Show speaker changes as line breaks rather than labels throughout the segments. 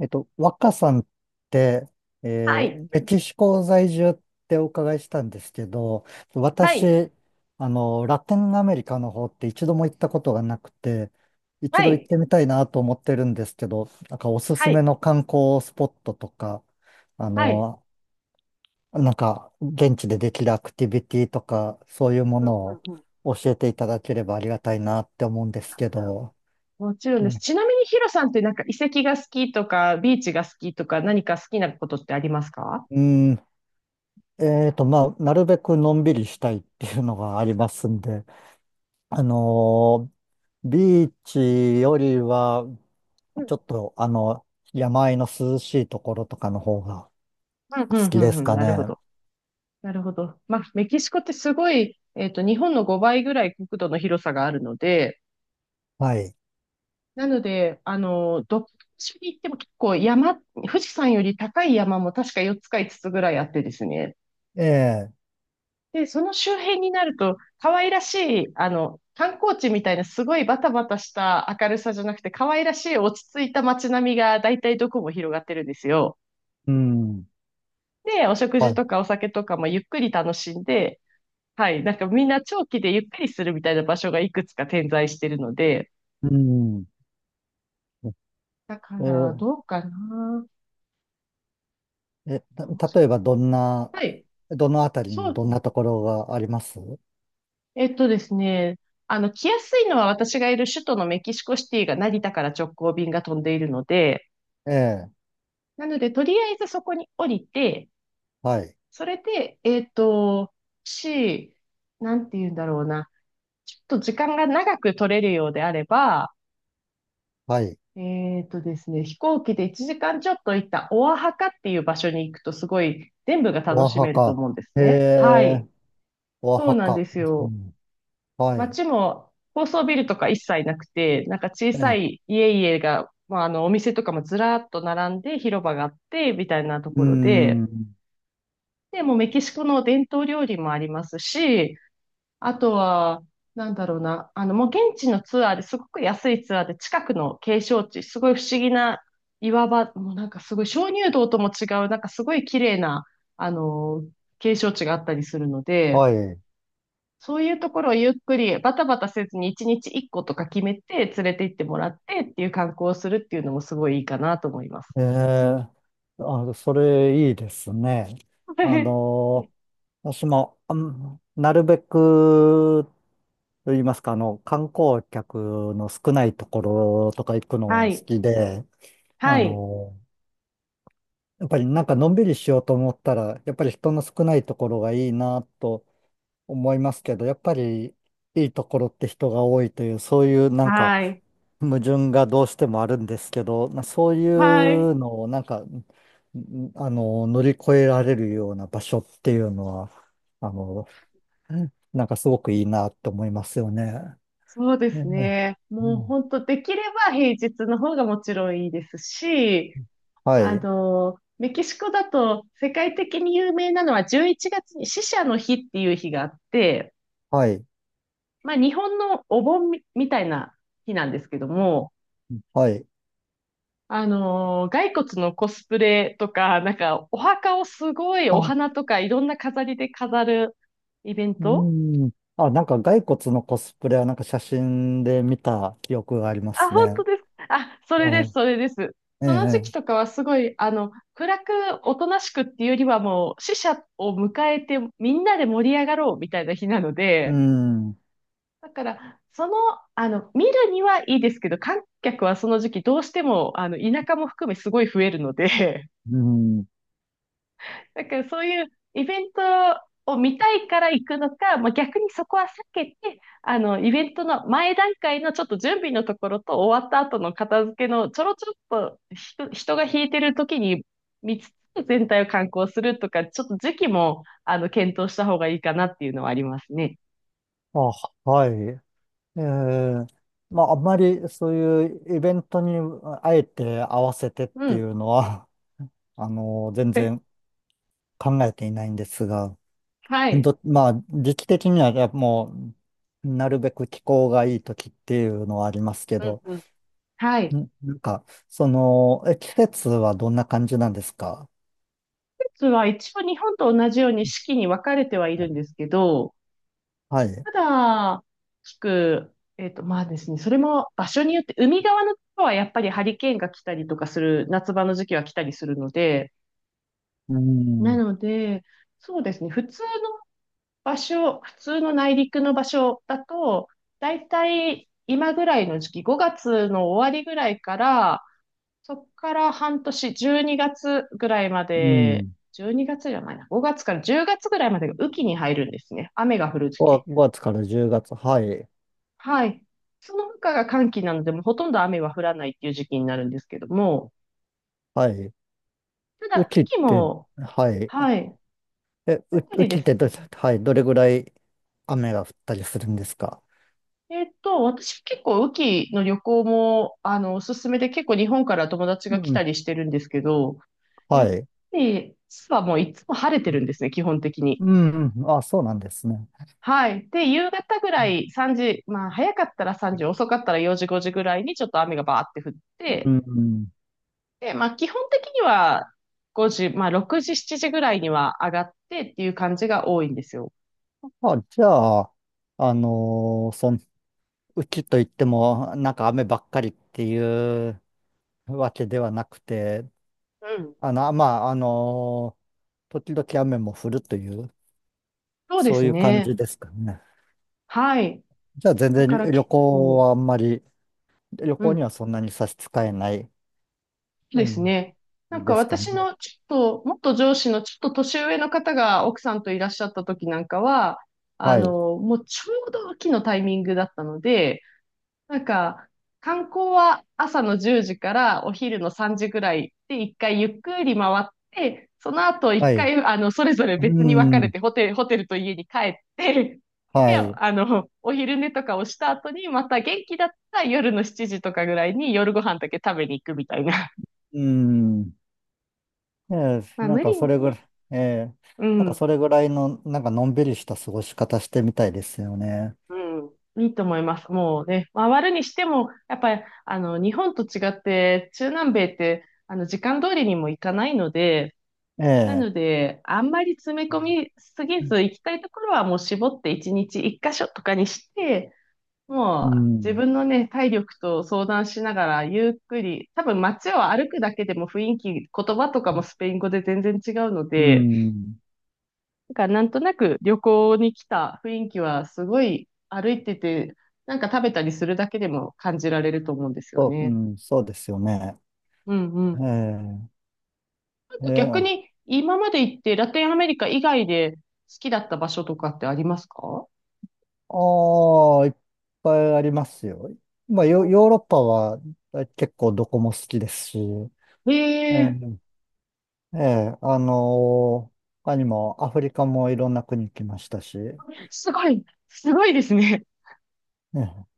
若さんって、
はい、
メキシコ在住ってお伺いしたんですけど、
はい、
私、ラテンアメリカの方って一度も行ったことがなくて、一
は
度行っ
い、
てみたいなと思ってるんですけど、なんかおす
は
すめ
い、
の観光スポットとか、あ
はい。
の、なんか現地でできるアクティビティとか、そういうも
うんう
の
ん
を
うん。
教えていただければありがたいなって思うんですけど、
もちろんです。
ね、
ちなみにヒロさんってなんか遺跡が好きとか、ビーチが好きとか、何か好きなことってありますか？
うーん、まあ、なるべくのんびりしたいっていうのがありますんで、あのビーチよりは、
う
ちょ
ん、
っと、山あいの涼しいところとかの方が
うん、う
好
ん、
き
う
で
ん、う
す
ん、
か
なるほ
ね。
ど。なるほど。まあ、メキシコってすごい、日本の5倍ぐらい国土の広さがあるので、
はい。
なので、どっちに行っても結構山、富士山より高い山も確か4つか5つつぐらいあってですね。
ええ。
で、その周辺になると、可愛らしい、観光地みたいなすごいバタバタした明るさじゃなくて、可愛らしい落ち着いた街並みが大体どこも広がってるんですよ。
うん。
で、お食
は
事
い。
とかお酒とかもゆっくり楽しんで、はい、なんかみんな長期でゆっくりするみたいな場所がいくつか点在してるので、
うん。
だか
え
ら、
ー
どうかな。
え、
楽
た
し
例え
み
ばどんな、
はい、
どのあたり
そ
に
うで
ど
す
ん
ね。
なところがあります
えっとですね、来やすいのは私がいる首都のメキシコシティが成田から直行便が飛んでいるので、
ええ。
なので、とりあえずそこに降りて、
はい。
それで、し、なんて言うんだろうな。ちょっと時間が長く取れるようであれば、
はい。
えっとですね、飛行機で1時間ちょっと行ったオアハカっていう場所に行くとすごい全部が楽
オア
し
ハ
めると
カ。
思うんです
え
ね。は
え。
い。
オア
そう
ハ
なんで
カ。
す
う
よ。
ん、はい。
街も高層ビルとか一切なくて、なんか小さ
ええ。
い家々が、まあ、お店とかもずらっと並んで広場があって、みたいなと
う
ころ
ー
で、
ん。
で、もうメキシコの伝統料理もありますし、あとは、なんだろうな、もう現地のツアーですごく安いツアーで近くの景勝地、すごい不思議な岩場、もうなんかすごい鍾乳洞とも違う、なんかすごい綺麗な、あの、景勝地があったりするので、
はい。
そういうところをゆっくりバタバタせずに1日1個とか決めて連れて行ってもらってっていう観光をするっていうのもすごいいいかなと思います。
ええ。あ、それいいですね。あ の、私も、なるべく、と言いますか、観光客の少ないところとか行くの
は
は好
い。
きで、あ
はい。
の、やっぱりなんかのんびりしようと思ったら、やっぱり人の少ないところがいいなと思いますけど、やっぱりいいところって人が多いという、そういうなんか
はい。
矛盾がどうしてもあるんですけど、まあそうい
はい。
うのをなんか、乗り越えられるような場所っていうのは、あの、なんかすごくいいなって思いますよね。
そうで
ね
す
え。
ね。
う
もう
ん。
本当できれば平日の方がもちろんいいですし、
はい、
メキシコだと世界的に有名なのは11月に死者の日っていう日があって、
はい、
まあ日本のお盆みたいな日なんですけども、
はい。
骸骨のコスプレとか、なんかお墓をすごいお
あ、
花とかいろんな飾りで飾るイベン
う
ト。
ん。あ、なんか骸骨のコスプレはなんか写真で見た記憶がありま
あ、
す
本当
ね。
ですか。あ、それ
はい。
です、それです。
ええ、え
その時期
え。
とかはすごい、暗く、おとなしくっていうよりはもう、死者を迎えて、みんなで盛り上がろうみたいな日なの
う
で、
ん。
だから、その、あの、見るにはいいですけど、観客はその時期どうしても、田舎も含めすごい増えるので、
うん。
だからそういうイベントを見たいから行くのか、まあ、逆にそこは避けて、イベントの前段階のちょっと準備のところと終わった後の片付けのちょろちょろっと人が引いてる時に見つつ全体を観光するとか、ちょっと時期も、検討した方がいいかなっていうのはありますね。
あ、はい。えー、まあ、あんまりそういうイベントにあえて合わせてっ
う
てい
ん。
うのは、全
え
然考えていないんですが、
はい。
まあ、時期的にはやっぱもう、なるべく気候がいい時っていうのはありますけ
うん
ど、
うん。はい。
なんか、その、え、季節はどんな感じなんですか？
季節は一応日本と同じように四季に分かれてはいるんですけど、
はい。
ただ、まあですね、それも場所によって、海側のところはやっぱりハリケーンが来たりとかする、夏場の時期は来たりするので、
う
な
ん。
ので、そうですね、普通の内陸の場所だと、だいたい今ぐらいの時期、5月の終わりぐらいから、そこから半年、12月ぐらいま
う
で、
ん。
12月じゃないな、5月から10月ぐらいまでが雨季に入るんですね。雨が降る時期。
5月から10月。はい。
はい。その他が寒気なので、もうほとんど雨は降らないっていう時期になるんですけども、
はい。
ただ、
雨
雨
季っ
季
て、
も、
はい。
はい。やっぱ
う
りで
ちっ
す
て
ね。
はい、どれぐらい雨が降ったりするんですか？
私結構雨季の旅行も、おすすめで結構日本から友達が
う
来た
ん。
りしてるんですけど、や
は
っ
い。
ぱり、実はもういつも晴れて
う
るん
ん。
ですね、基本的に。
うん。あ、そうなんですね。
はい。で、夕方ぐらい3時、まあ早かったら3時、遅かったら4時、5時ぐらいにちょっと雨がバーって降っ
う
て、
ん。
で、まあ、基本的には5時、まあ、6時、7時ぐらいには上がってっていう感じが多いんですよ。
あ、じゃあ、あのーそん、うちといっても、なんか雨ばっかりっていうわけではなくて、
うん。
まあ、時々雨も降るという、
そうで
そう
す
いう感
ね。
じですかね。
はい。
じゃあ、全
だ
然
から
旅
結
行
構、
はあんまり、旅
う
行
ん。
には
そ
そんなに差し支えない、
うで
う
す
ん、
ね。なんか
ですか
私
ね。
のちょっと、もっと上司のちょっと年上の方が奥さんといらっしゃった時なんかは、
はい。
もうちょうど秋のタイミングだったので、なんか、観光は朝の10時からお昼の3時ぐらいで一回ゆっくり回って、その後
は
一
い。
回、それぞれ
う
別に分かれ
ん。
てホテル、ホテルと家に帰って、
は
で、
い。
お昼寝とかをした後に、また元気だったら夜の7時とかぐらいに夜ご飯だけ食べに行くみたいな。
うん。ええ、
まあ
なん
無
か
理
それぐらい、
ね。
ええ、
う
なんか
ん、
それぐらいの、なんかのんびりした過ごし方してみたいですよね。
うん。いいと思います。もうね、回るにしても、やっぱり、日本と違って、中南米って、時間通りにも行かないので、
え
な
え。
ので、あんまり詰め込みすぎず、行きたいところはもう絞って1日1箇所とかにして、
う
もう自
ん。
分のね、体力と相談しながらゆっくり、多分街を歩くだけでも雰囲気、言葉とかもスペイン語で全然違うの
う
で、
ん。
だからなんとなく旅行に来た雰囲気はすごい歩いてて、なんか食べたりするだけでも感じられると思うんですよ
そう、う
ね。
ん、そうですよね。
うんうん。
ええ。え
逆
え。
に今まで行ってラテンアメリカ以外で好きだった場所とかってありますか？
ああ、いっぱいありますよ。まあ、
お、
ヨーロッパは結構どこも好きですし、え
えー
え、ええ、他にもアフリカもいろんな国来ましたし、
すごい、すごいですね。
ね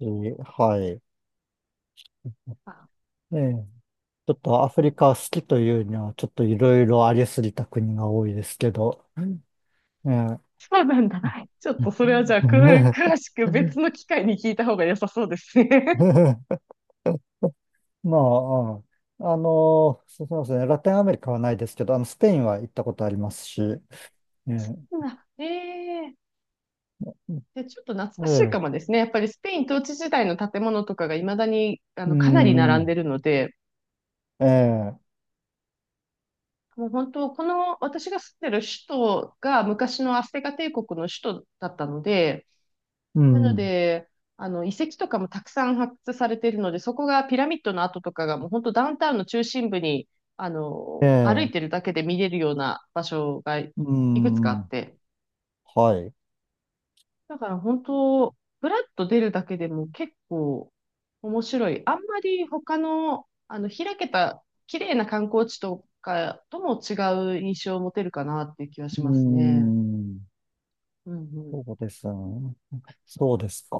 えー。はい。
あ、
ええ。ちょっとアフリカ好きというには、ちょっといろいろありすぎた国が多いですけど、ええ。
そうなんだ。ちょっと それはじゃあ、詳しく別の機会に聞いた方が良さそうですね。
まあ、うん。そうそうですね、ラテンアメリカはないですけど、スペインは行ったことありますし、ええ、
あ、ええ。で、ちょっと懐
え
かしいか
え、
もですね。やっぱりスペイン統治時代の建物とかが未だに、
う
かなり並んで
ん、
るので、
ええ、
もう本当、この私が住んでる首都が昔のアステカ帝国の首都だったので、
う
なの
ん、
で、あの遺跡とかもたくさん発掘されているので、そこがピラミッドの跡とかがもう本当ダウンタウンの中心部に、
え
歩い
え、
てるだけで見れるような場所がい
う
くつかあっ
ん、
て、
はい、
だから本当、ふらっと出るだけでも結構面白い。あんまり他の、開けた綺麗な観光地とかとも違う印象を持てるかなっていう気はし
う
ますね。
ん。
うんうん。
そうですね。そうですか。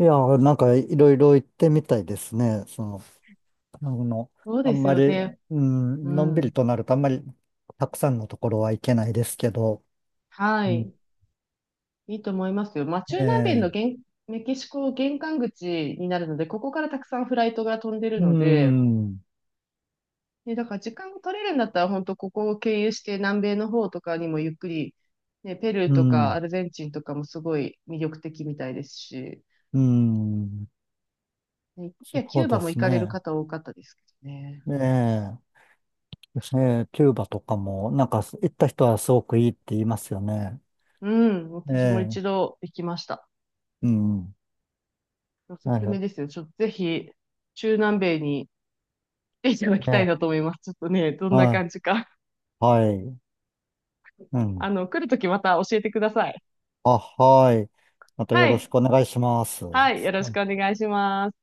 ええ。いや、なんかいろいろ行ってみたいですね。その、あの、
そう
あん
です
ま
よ
り、
ね。
う
う
ん、のんびり
ん。
となるとあんまりたくさんのところは行けないですけど、
は
う
い。
ん。
いいと思いますよ。まあ、中南米の
ええ。
メキシコ玄関口になるので、ここからたくさんフライトが飛んでる
う
ので、
ん、
ね、だから時間を取れるんだったら、本当ここを経由して南米の方とかにもゆっくり、ね、ペルー
う
とか
ん、
アルゼンチンとかもすごい魅力的みたいですし、
うん、
ね、い
そ
や、キュ
う
ーバ
で
も
す
行かれる
ね。
方多かったですけどね。
えーキューバとかも、なんか行った人はすごくいいって言いますよね。
うん、私も
え
一
え。
度行きました。
うん、
おす
なる
すめ
ほ
ですよ。ちょっとぜひ、中南米に来ていただき
ど。
たいなと
ええ。
思います。ちょっとね、どんな
は
感
い、
じか。
はい、うん。
来るときまた教えてください。
あ、はい。またよ
は
ろし
い。
くお願いします。は
はい。よろし
い。
くお願いします。